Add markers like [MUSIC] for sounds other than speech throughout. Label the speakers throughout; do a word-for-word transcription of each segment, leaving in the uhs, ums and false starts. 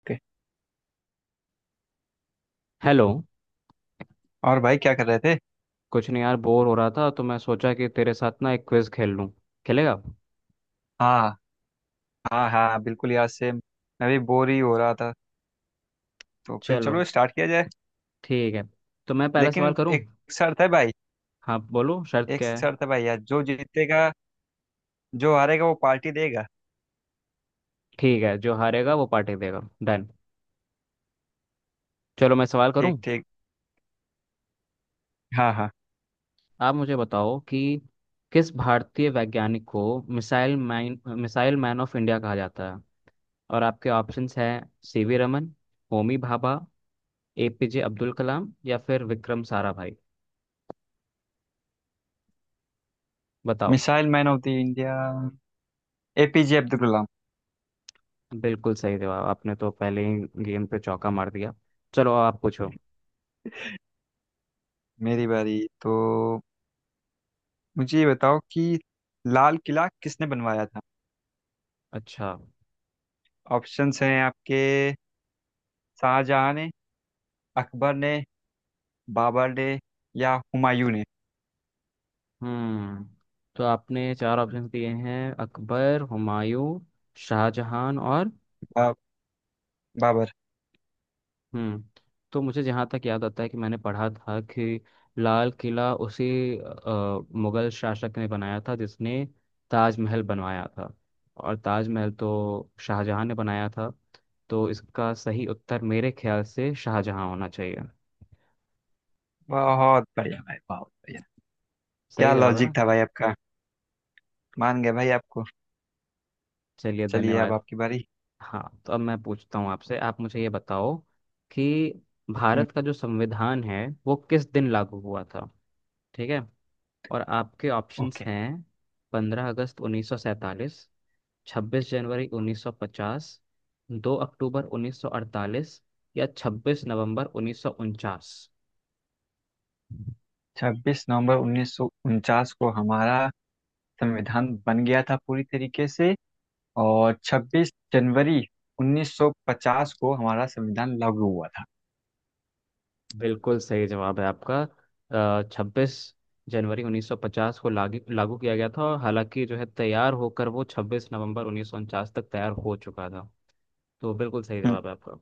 Speaker 1: Okay.
Speaker 2: Hello.
Speaker 1: और भाई क्या कर रहे थे?
Speaker 2: कुछ नहीं यार, बोर हो रहा था तो मैं सोचा कि तेरे साथ ना एक क्विज खेल लूं। खेलेगा?
Speaker 1: हाँ हाँ हाँ बिल्कुल यार, सेम। मैं भी बोर ही हो रहा था। तो फिर
Speaker 2: चलो,
Speaker 1: चलो स्टार्ट किया जाए।
Speaker 2: ठीक है तो मैं पहला सवाल
Speaker 1: लेकिन
Speaker 2: करूं।
Speaker 1: एक शर्त है भाई।
Speaker 2: हाँ बोलो, शर्त
Speaker 1: एक
Speaker 2: क्या है?
Speaker 1: शर्त है भाई, यार जो जीतेगा, जो हारेगा वो पार्टी देगा।
Speaker 2: ठीक है, जो हारेगा वो पार्टी देगा, डन। चलो मैं सवाल करूं।
Speaker 1: ठीक, ठीक। हाँ, हाँ।
Speaker 2: आप मुझे बताओ कि किस भारतीय वैज्ञानिक को missile man missile man of India कहा जाता है। और आपके ऑप्शंस हैं सीवी रमन, होमी भाभा, एपीजे अब्दुल कलाम या फिर विक्रम साराभाई। बताओ।
Speaker 1: Missile man of the India A P J Abdul Kalam.
Speaker 2: बिल्कुल सही जवाब। आपने तो पहले ही गेम पे चौका मार दिया। चलो आप पूछो।
Speaker 1: मेरी बारी तो। मुझे ये बताओ कि लाल किला किसने बनवाया था।
Speaker 2: अच्छा।
Speaker 1: ऑप्शंस हैं आपके, शाहजहां ने, अकबर ने, बाबर ने, या हुमायूं ने।
Speaker 2: हम्म तो आपने चार ऑप्शन दिए हैं, अकबर, हुमायूं, शाहजहां और।
Speaker 1: बा, बाबर।
Speaker 2: हम्म तो मुझे जहाँ तक याद आता है कि मैंने पढ़ा था कि लाल किला उसी अ, मुगल शासक ने बनाया था जिसने ताजमहल बनवाया था। और ताजमहल तो शाहजहां ने बनाया था, तो इसका सही उत्तर मेरे ख्याल से शाहजहां होना चाहिए।
Speaker 1: बहुत बढ़िया भाई, बहुत बढ़िया। क्या
Speaker 2: सही जवाब है ना?
Speaker 1: लॉजिक था भाई आपका। मान गए भाई आपको।
Speaker 2: चलिए
Speaker 1: चलिए अब
Speaker 2: धन्यवाद।
Speaker 1: आपकी बारी।
Speaker 2: हाँ तो अब मैं पूछता हूँ आपसे। आप मुझे ये बताओ कि
Speaker 1: हम्म।
Speaker 2: भारत का जो संविधान है वो किस दिन लागू हुआ था। ठीक है। और आपके ऑप्शंस
Speaker 1: ओके।
Speaker 2: हैं पंद्रह अगस्त उन्नीस सौ सैंतालीस, छब्बीस जनवरी उन्नीस सौ पचास, दो अक्टूबर उन्नीस सौ अड़तालीस या छब्बीस नवंबर उन्नीस सौ उनचास।
Speaker 1: छब्बीस नवंबर उन्नीस सौ उनचास को हमारा संविधान बन गया था पूरी तरीके से, और छब्बीस जनवरी उन्नीस सौ पचास को हमारा संविधान लागू हुआ था।
Speaker 2: बिल्कुल सही जवाब है आपका। छब्बीस जनवरी उन्नीस सौ पचास को लागू लागू किया गया था। और हालांकि जो है तैयार होकर वो छब्बीस नवंबर उन्नीस सौ उनचास तक तैयार हो चुका था। तो बिल्कुल सही
Speaker 1: हम्म,
Speaker 2: जवाब है आपका।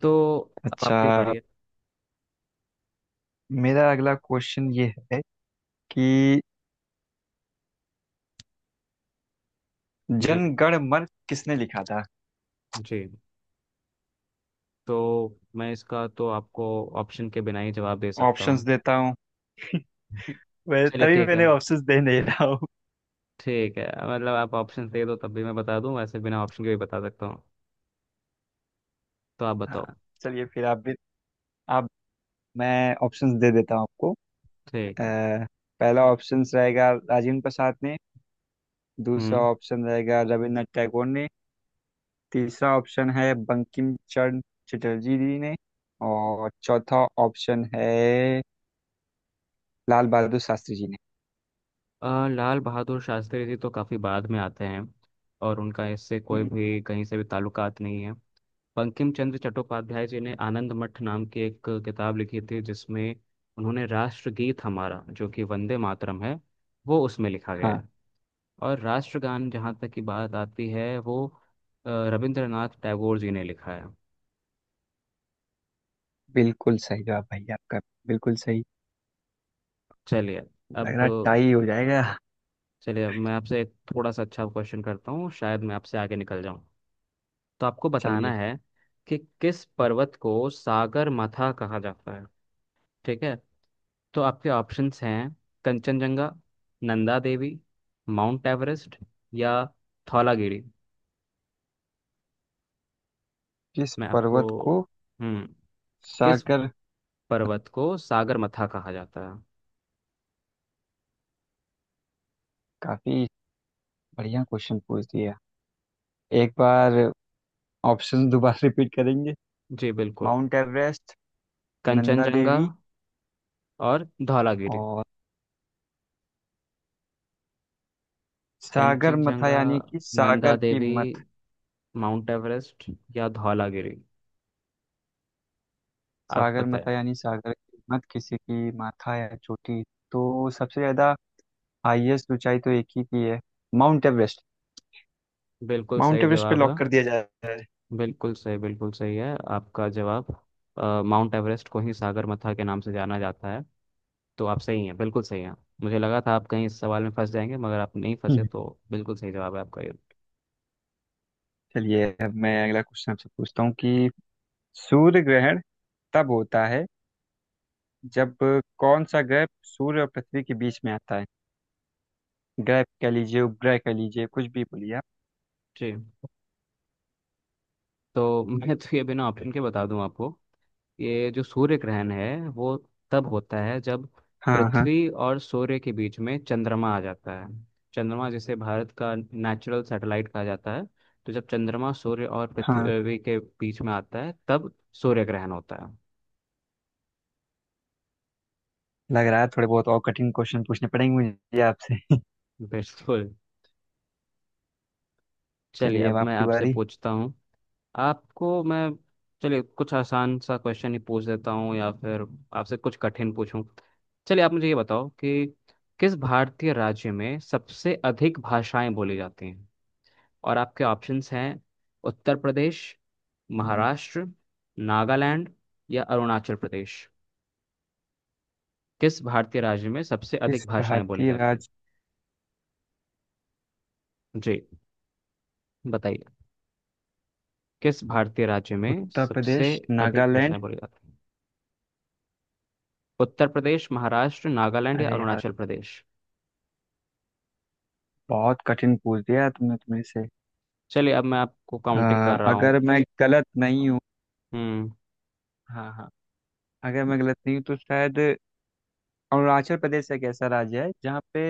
Speaker 2: तो अब
Speaker 1: अच्छा।
Speaker 2: आपकी बारी है।
Speaker 1: मेरा अगला क्वेश्चन ये है कि
Speaker 2: जी।
Speaker 1: जन गण मन किसने लिखा था।
Speaker 2: जी, तो मैं इसका तो आपको ऑप्शन के बिना ही जवाब दे सकता
Speaker 1: ऑप्शंस
Speaker 2: हूँ।
Speaker 1: देता हूँ। [LAUGHS]
Speaker 2: [LAUGHS]
Speaker 1: वै-
Speaker 2: चलिए
Speaker 1: तभी
Speaker 2: ठीक है।
Speaker 1: मैंने ऑप्शंस दे नहीं रहा हूँ।
Speaker 2: ठीक है, मतलब आप ऑप्शन दे दो तब भी मैं बता दूं, वैसे बिना ऑप्शन के भी बता सकता हूँ। तो आप
Speaker 1: हाँ,
Speaker 2: बताओ।
Speaker 1: चलिए फिर आप भी। आप, मैं ऑप्शंस दे देता हूँ आपको।
Speaker 2: ठीक है।
Speaker 1: अ, पहला ऑप्शंस रहेगा राजेंद्र प्रसाद ने, दूसरा
Speaker 2: हम्म।
Speaker 1: ऑप्शन रहेगा रविन्द्रनाथ टैगोर ने, तीसरा ऑप्शन है बंकिम चंद्र चटर्जी जी ने, और चौथा ऑप्शन है लाल बहादुर शास्त्री जी ने।
Speaker 2: अ, लाल बहादुर शास्त्री जी तो काफ़ी बाद में आते हैं, और उनका इससे कोई
Speaker 1: हम्म,
Speaker 2: भी कहीं से भी ताल्लुकात नहीं है। बंकिम चंद्र चट्टोपाध्याय जी ने आनंद मठ नाम की एक किताब लिखी थी, जिसमें उन्होंने राष्ट्रगीत हमारा जो कि वंदे मातरम है वो उसमें लिखा गया
Speaker 1: हाँ,
Speaker 2: है। और राष्ट्रगान जहाँ तक की बात आती है वो अ, रविंद्रनाथ टैगोर जी ने लिखा है।
Speaker 1: बिल्कुल सही जवाब भाई आपका, बिल्कुल सही।
Speaker 2: चलिए
Speaker 1: लग रहा
Speaker 2: अब।
Speaker 1: टाई हो जाएगा।
Speaker 2: चलिए अब मैं आपसे एक थोड़ा सा अच्छा क्वेश्चन करता हूँ, शायद मैं आपसे आगे निकल जाऊँ। तो आपको बताना
Speaker 1: चलिए।
Speaker 2: है कि किस पर्वत को सागर माथा कहा जाता है। ठीक है। तो आपके ऑप्शंस हैं कंचनजंगा, नंदा देवी, माउंट एवरेस्ट या धौलागिरी।
Speaker 1: किस
Speaker 2: मैं आपको।
Speaker 1: पर्वत को
Speaker 2: हम्म। किस
Speaker 1: सागर।
Speaker 2: पर्वत को सागर माथा कहा जाता है?
Speaker 1: काफी बढ़िया क्वेश्चन पूछ दिया। एक बार ऑप्शन दोबारा रिपीट करेंगे।
Speaker 2: जी बिल्कुल।
Speaker 1: माउंट एवरेस्ट, नंदा
Speaker 2: कंचनजंगा
Speaker 1: देवी,
Speaker 2: और धौलागिरी।
Speaker 1: और सागर मथा
Speaker 2: कंचनजंगा,
Speaker 1: यानी कि
Speaker 2: नंदा
Speaker 1: सागर की
Speaker 2: देवी,
Speaker 1: मत।
Speaker 2: माउंट एवरेस्ट या धौलागिरी। आप
Speaker 1: सागर
Speaker 2: बताएं।
Speaker 1: मथा यानी सागर की मत, किसी की माथा या चोटी। तो सबसे ज्यादा हाईएस्ट ऊंचाई तो एक ही की है, माउंट एवरेस्ट।
Speaker 2: बिल्कुल
Speaker 1: माउंट
Speaker 2: सही
Speaker 1: एवरेस्ट पे
Speaker 2: जवाब है।
Speaker 1: लॉक कर दिया जाए।
Speaker 2: बिल्कुल सही, बिल्कुल सही है आपका जवाब। अ, माउंट एवरेस्ट को ही सागरमाथा के नाम से जाना जाता है। तो आप सही हैं, बिल्कुल सही हैं। मुझे लगा था आप कहीं इस सवाल में फंस जाएंगे मगर आप नहीं फंसे
Speaker 1: हम्म।
Speaker 2: तो। बिल्कुल सही जवाब है आपका ये।
Speaker 1: चलिए, अब मैं अगला क्वेश्चन आपसे पूछता हूँ कि सूर्य ग्रहण तब होता है जब कौन सा ग्रह सूर्य और पृथ्वी के बीच में आता है। ग्रह कह लीजिए, उपग्रह कह लीजिए, कुछ भी बोलिए आप।
Speaker 2: जी, तो मैं तो ये बिना ऑप्शन के बता दूं आपको। ये जो सूर्य ग्रहण है वो तब होता है जब
Speaker 1: हाँ हाँ
Speaker 2: पृथ्वी और सूर्य के बीच में चंद्रमा आ जाता है। चंद्रमा, जिसे भारत का नेचुरल सैटेलाइट कहा जाता है। तो जब चंद्रमा सूर्य और
Speaker 1: हाँ
Speaker 2: पृथ्वी के बीच में आता है तब सूर्य ग्रहण होता है।
Speaker 1: लग रहा है थोड़े बहुत और कठिन क्वेश्चन पूछने पड़ेंगे मुझे आपसे।
Speaker 2: बिल्कुल। चलिए
Speaker 1: चलिए अब
Speaker 2: अब मैं
Speaker 1: आपकी
Speaker 2: आपसे
Speaker 1: बारी।
Speaker 2: पूछता हूँ। आपको मैं। चलिए कुछ आसान सा क्वेश्चन ही पूछ देता हूँ या फिर आपसे कुछ कठिन पूछूं। चलिए आप मुझे ये बताओ कि किस भारतीय राज्य में सबसे अधिक भाषाएं बोली जाती हैं। और आपके ऑप्शंस हैं उत्तर प्रदेश, महाराष्ट्र, नागालैंड या अरुणाचल प्रदेश। किस भारतीय राज्य में सबसे
Speaker 1: किस
Speaker 2: अधिक भाषाएं बोली
Speaker 1: भारतीय
Speaker 2: जाती हैं?
Speaker 1: राज्य,
Speaker 2: जी बताइए। किस भारतीय राज्य में
Speaker 1: उत्तर
Speaker 2: सबसे
Speaker 1: प्रदेश,
Speaker 2: अधिक
Speaker 1: नागालैंड।
Speaker 2: भाषाएं बोली जाती हैं? उत्तर प्रदेश, महाराष्ट्र, नागालैंड या
Speaker 1: अरे यार,
Speaker 2: अरुणाचल प्रदेश।
Speaker 1: बहुत कठिन पूछ दिया तुमने तुमने से।
Speaker 2: चलिए अब मैं आपको
Speaker 1: अ,
Speaker 2: काउंटिंग कर रहा
Speaker 1: अगर
Speaker 2: हूँ।
Speaker 1: मैं गलत नहीं हूँ।
Speaker 2: हम्म।
Speaker 1: हाँ हाँ अगर मैं गलत नहीं हूँ तो शायद अरुणाचल प्रदेश एक ऐसा राज्य है जहाँ पे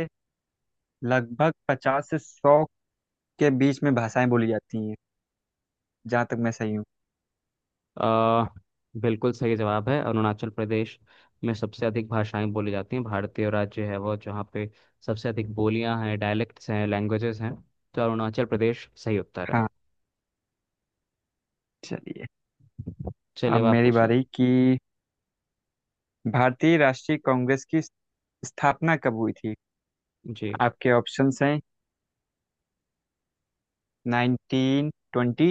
Speaker 1: लगभग पचास से सौ के बीच में भाषाएं बोली जाती हैं, जहाँ तक मैं सही हूँ।
Speaker 2: अ, बिल्कुल सही जवाब है, अरुणाचल प्रदेश में सबसे अधिक भाषाएं बोली जाती हैं। भारतीय राज्य है वो जहाँ पे सबसे अधिक बोलियां हैं, डायलेक्ट्स हैं, लैंग्वेजेस हैं। तो अरुणाचल प्रदेश सही उत्तर है।
Speaker 1: हाँ, चलिए।
Speaker 2: चलिए
Speaker 1: अब
Speaker 2: अब आप
Speaker 1: मेरी
Speaker 2: पूछिए।
Speaker 1: बारी कि भारतीय राष्ट्रीय कांग्रेस की स्थापना कब हुई थी।
Speaker 2: जी।
Speaker 1: आपके ऑप्शंस हैं नाइनटीन ट्वेंटी।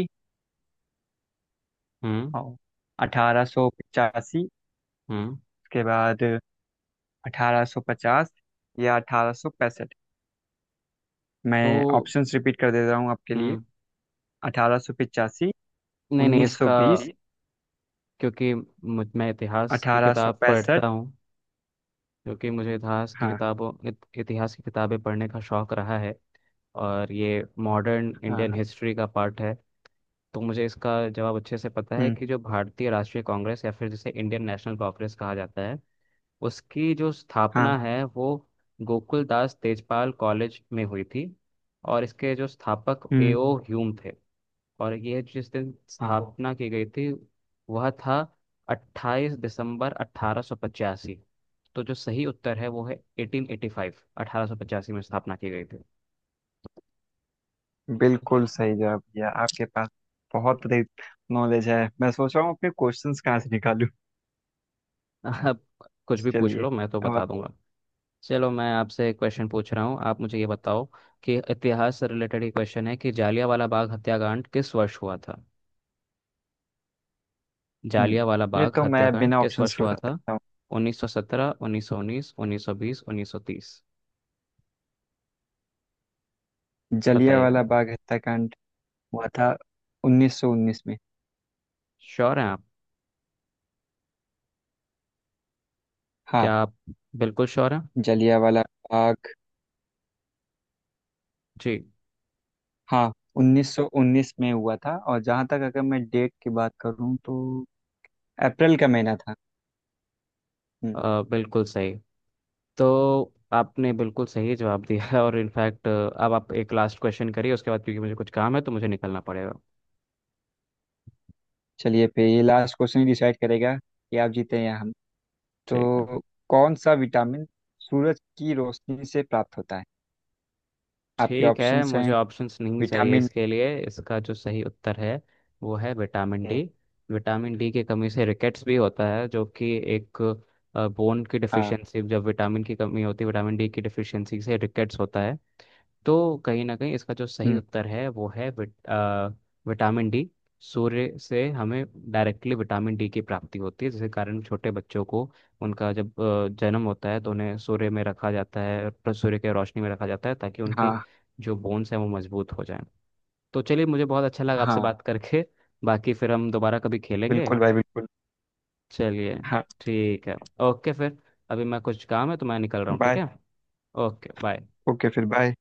Speaker 2: हम्म
Speaker 1: हाँ। अठारह सौ पचासी।
Speaker 2: हम्म
Speaker 1: उसके बाद अठारह सौ पचास, या अठारह सौ पैंसठ।
Speaker 2: तो।
Speaker 1: मैं ऑप्शंस रिपीट कर दे रहा हूँ आपके लिए।
Speaker 2: हम्म
Speaker 1: अठारह सौ पचासी,
Speaker 2: नहीं नहीं,
Speaker 1: उन्नीस सौ
Speaker 2: इसका।
Speaker 1: बीस,
Speaker 2: जी, क्योंकि मुझ मैं इतिहास की
Speaker 1: अठारह सौ
Speaker 2: किताब
Speaker 1: पैंसठ।
Speaker 2: पढ़ता हूँ। क्योंकि मुझे इतिहास की
Speaker 1: हाँ
Speaker 2: किताबों इत, इतिहास की किताबें पढ़ने का शौक रहा है। और ये मॉडर्न
Speaker 1: हाँ
Speaker 2: इंडियन
Speaker 1: हाँ
Speaker 2: हिस्ट्री का पार्ट है। तो मुझे इसका जवाब अच्छे से पता है
Speaker 1: हम्म,
Speaker 2: कि जो भारतीय राष्ट्रीय कांग्रेस या फिर जिसे इंडियन नेशनल कांग्रेस कहा जाता है, उसकी जो
Speaker 1: हाँ,
Speaker 2: स्थापना है वो गोकुल दास तेजपाल कॉलेज में हुई थी। और इसके जो स्थापक
Speaker 1: हम्म,
Speaker 2: एओ ह्यूम थे। और यह जिस दिन
Speaker 1: हाँ,
Speaker 2: स्थापना की गई थी वह था अट्ठाईस दिसंबर अठारह सौ पचासी। तो जो सही उत्तर है वो है 1885 1885 में स्थापना की गई थी।
Speaker 1: बिल्कुल सही जवाब भैया। आपके पास बहुत नॉलेज है। मैं सोच रहा हूँ अपने क्वेश्चंस कहाँ से निकालूं।
Speaker 2: आप कुछ भी पूछ
Speaker 1: चलिए
Speaker 2: लो मैं तो
Speaker 1: अब आप।
Speaker 2: बता दूंगा। चलो मैं आपसे एक क्वेश्चन पूछ रहा हूँ, आप मुझे ये बताओ कि इतिहास से रिलेटेड ही क्वेश्चन है कि जालियांवाला बाग हत्याकांड किस वर्ष हुआ था? जालियांवाला
Speaker 1: हम्म, ये
Speaker 2: बाग
Speaker 1: तो मैं
Speaker 2: हत्याकांड
Speaker 1: बिना
Speaker 2: किस
Speaker 1: ऑप्शंस
Speaker 2: वर्ष
Speaker 1: के
Speaker 2: हुआ
Speaker 1: बता
Speaker 2: था?
Speaker 1: सकता
Speaker 2: उन्नीस सौ सत्रह, उन्नीस सौ उन्नीस, उन्नीस सौ बीस, उन्नीस सौ तीस।
Speaker 1: हूँ।
Speaker 2: बताइए
Speaker 1: जलियांवाला
Speaker 2: आप।
Speaker 1: बाग हत्याकांड हुआ था उन्नीस सौ उन्नीस में।
Speaker 2: श्योर हैं आप?
Speaker 1: हाँ।
Speaker 2: क्या आप बिल्कुल श्योर हैं?
Speaker 1: जलियांवाला बाग।
Speaker 2: जी।
Speaker 1: हाँ, उन्नीस सौ उन्नीस में हुआ था, और जहाँ तक अगर मैं डेट की बात करूँ तो अप्रैल का महीना था। हम्म।
Speaker 2: अ, बिल्कुल सही। तो आपने बिल्कुल सही जवाब दिया है। और इनफैक्ट अब आप एक लास्ट क्वेश्चन करिए उसके बाद, क्योंकि मुझे कुछ काम है तो मुझे निकलना पड़ेगा।
Speaker 1: चलिए, फिर ये लास्ट क्वेश्चन ही डिसाइड करेगा कि आप जीते हैं या हम।
Speaker 2: ठीक है।
Speaker 1: तो कौन सा विटामिन सूरज की रोशनी से प्राप्त होता है? आपके
Speaker 2: ठीक है,
Speaker 1: ऑप्शंस
Speaker 2: मुझे
Speaker 1: हैं
Speaker 2: ऑप्शंस नहीं चाहिए
Speaker 1: विटामिन
Speaker 2: इसके लिए। इसका जो सही उत्तर है वो है vitamin
Speaker 1: A.
Speaker 2: D. Vitamin D की कमी से रिकेट्स भी होता है, जो कि एक बोन की
Speaker 1: हाँ।
Speaker 2: डिफिशियंसी। जब विटामिन की कमी होती है, विटामिन डी की डिफिशियंसी से रिकेट्स होता है। तो कहीं ना कहीं इसका जो सही
Speaker 1: हम्म,
Speaker 2: उत्तर है वो है विट, आ, विटामिन डी। सूर्य से हमें डायरेक्टली विटामिन डी की प्राप्ति होती है, जिसके कारण छोटे बच्चों को उनका जब अ, जन्म होता है तो उन्हें सूर्य में रखा जाता है, प्र- सूर्य के रोशनी में रखा जाता है ताकि उनकी
Speaker 1: हाँ
Speaker 2: जो बोन्स हैं वो मजबूत हो जाएं। तो चलिए मुझे बहुत अच्छा लगा आपसे
Speaker 1: हाँ
Speaker 2: बात करके। बाकी फिर हम दोबारा कभी खेलेंगे।
Speaker 1: बिल्कुल भाई, बिल्कुल।
Speaker 2: चलिए
Speaker 1: हाँ,
Speaker 2: ठीक है। ओके फिर, अभी मैं कुछ काम है तो मैं निकल रहा हूँ, ठीक
Speaker 1: बाय।
Speaker 2: है। Okay bye.
Speaker 1: ओके फिर, बाय।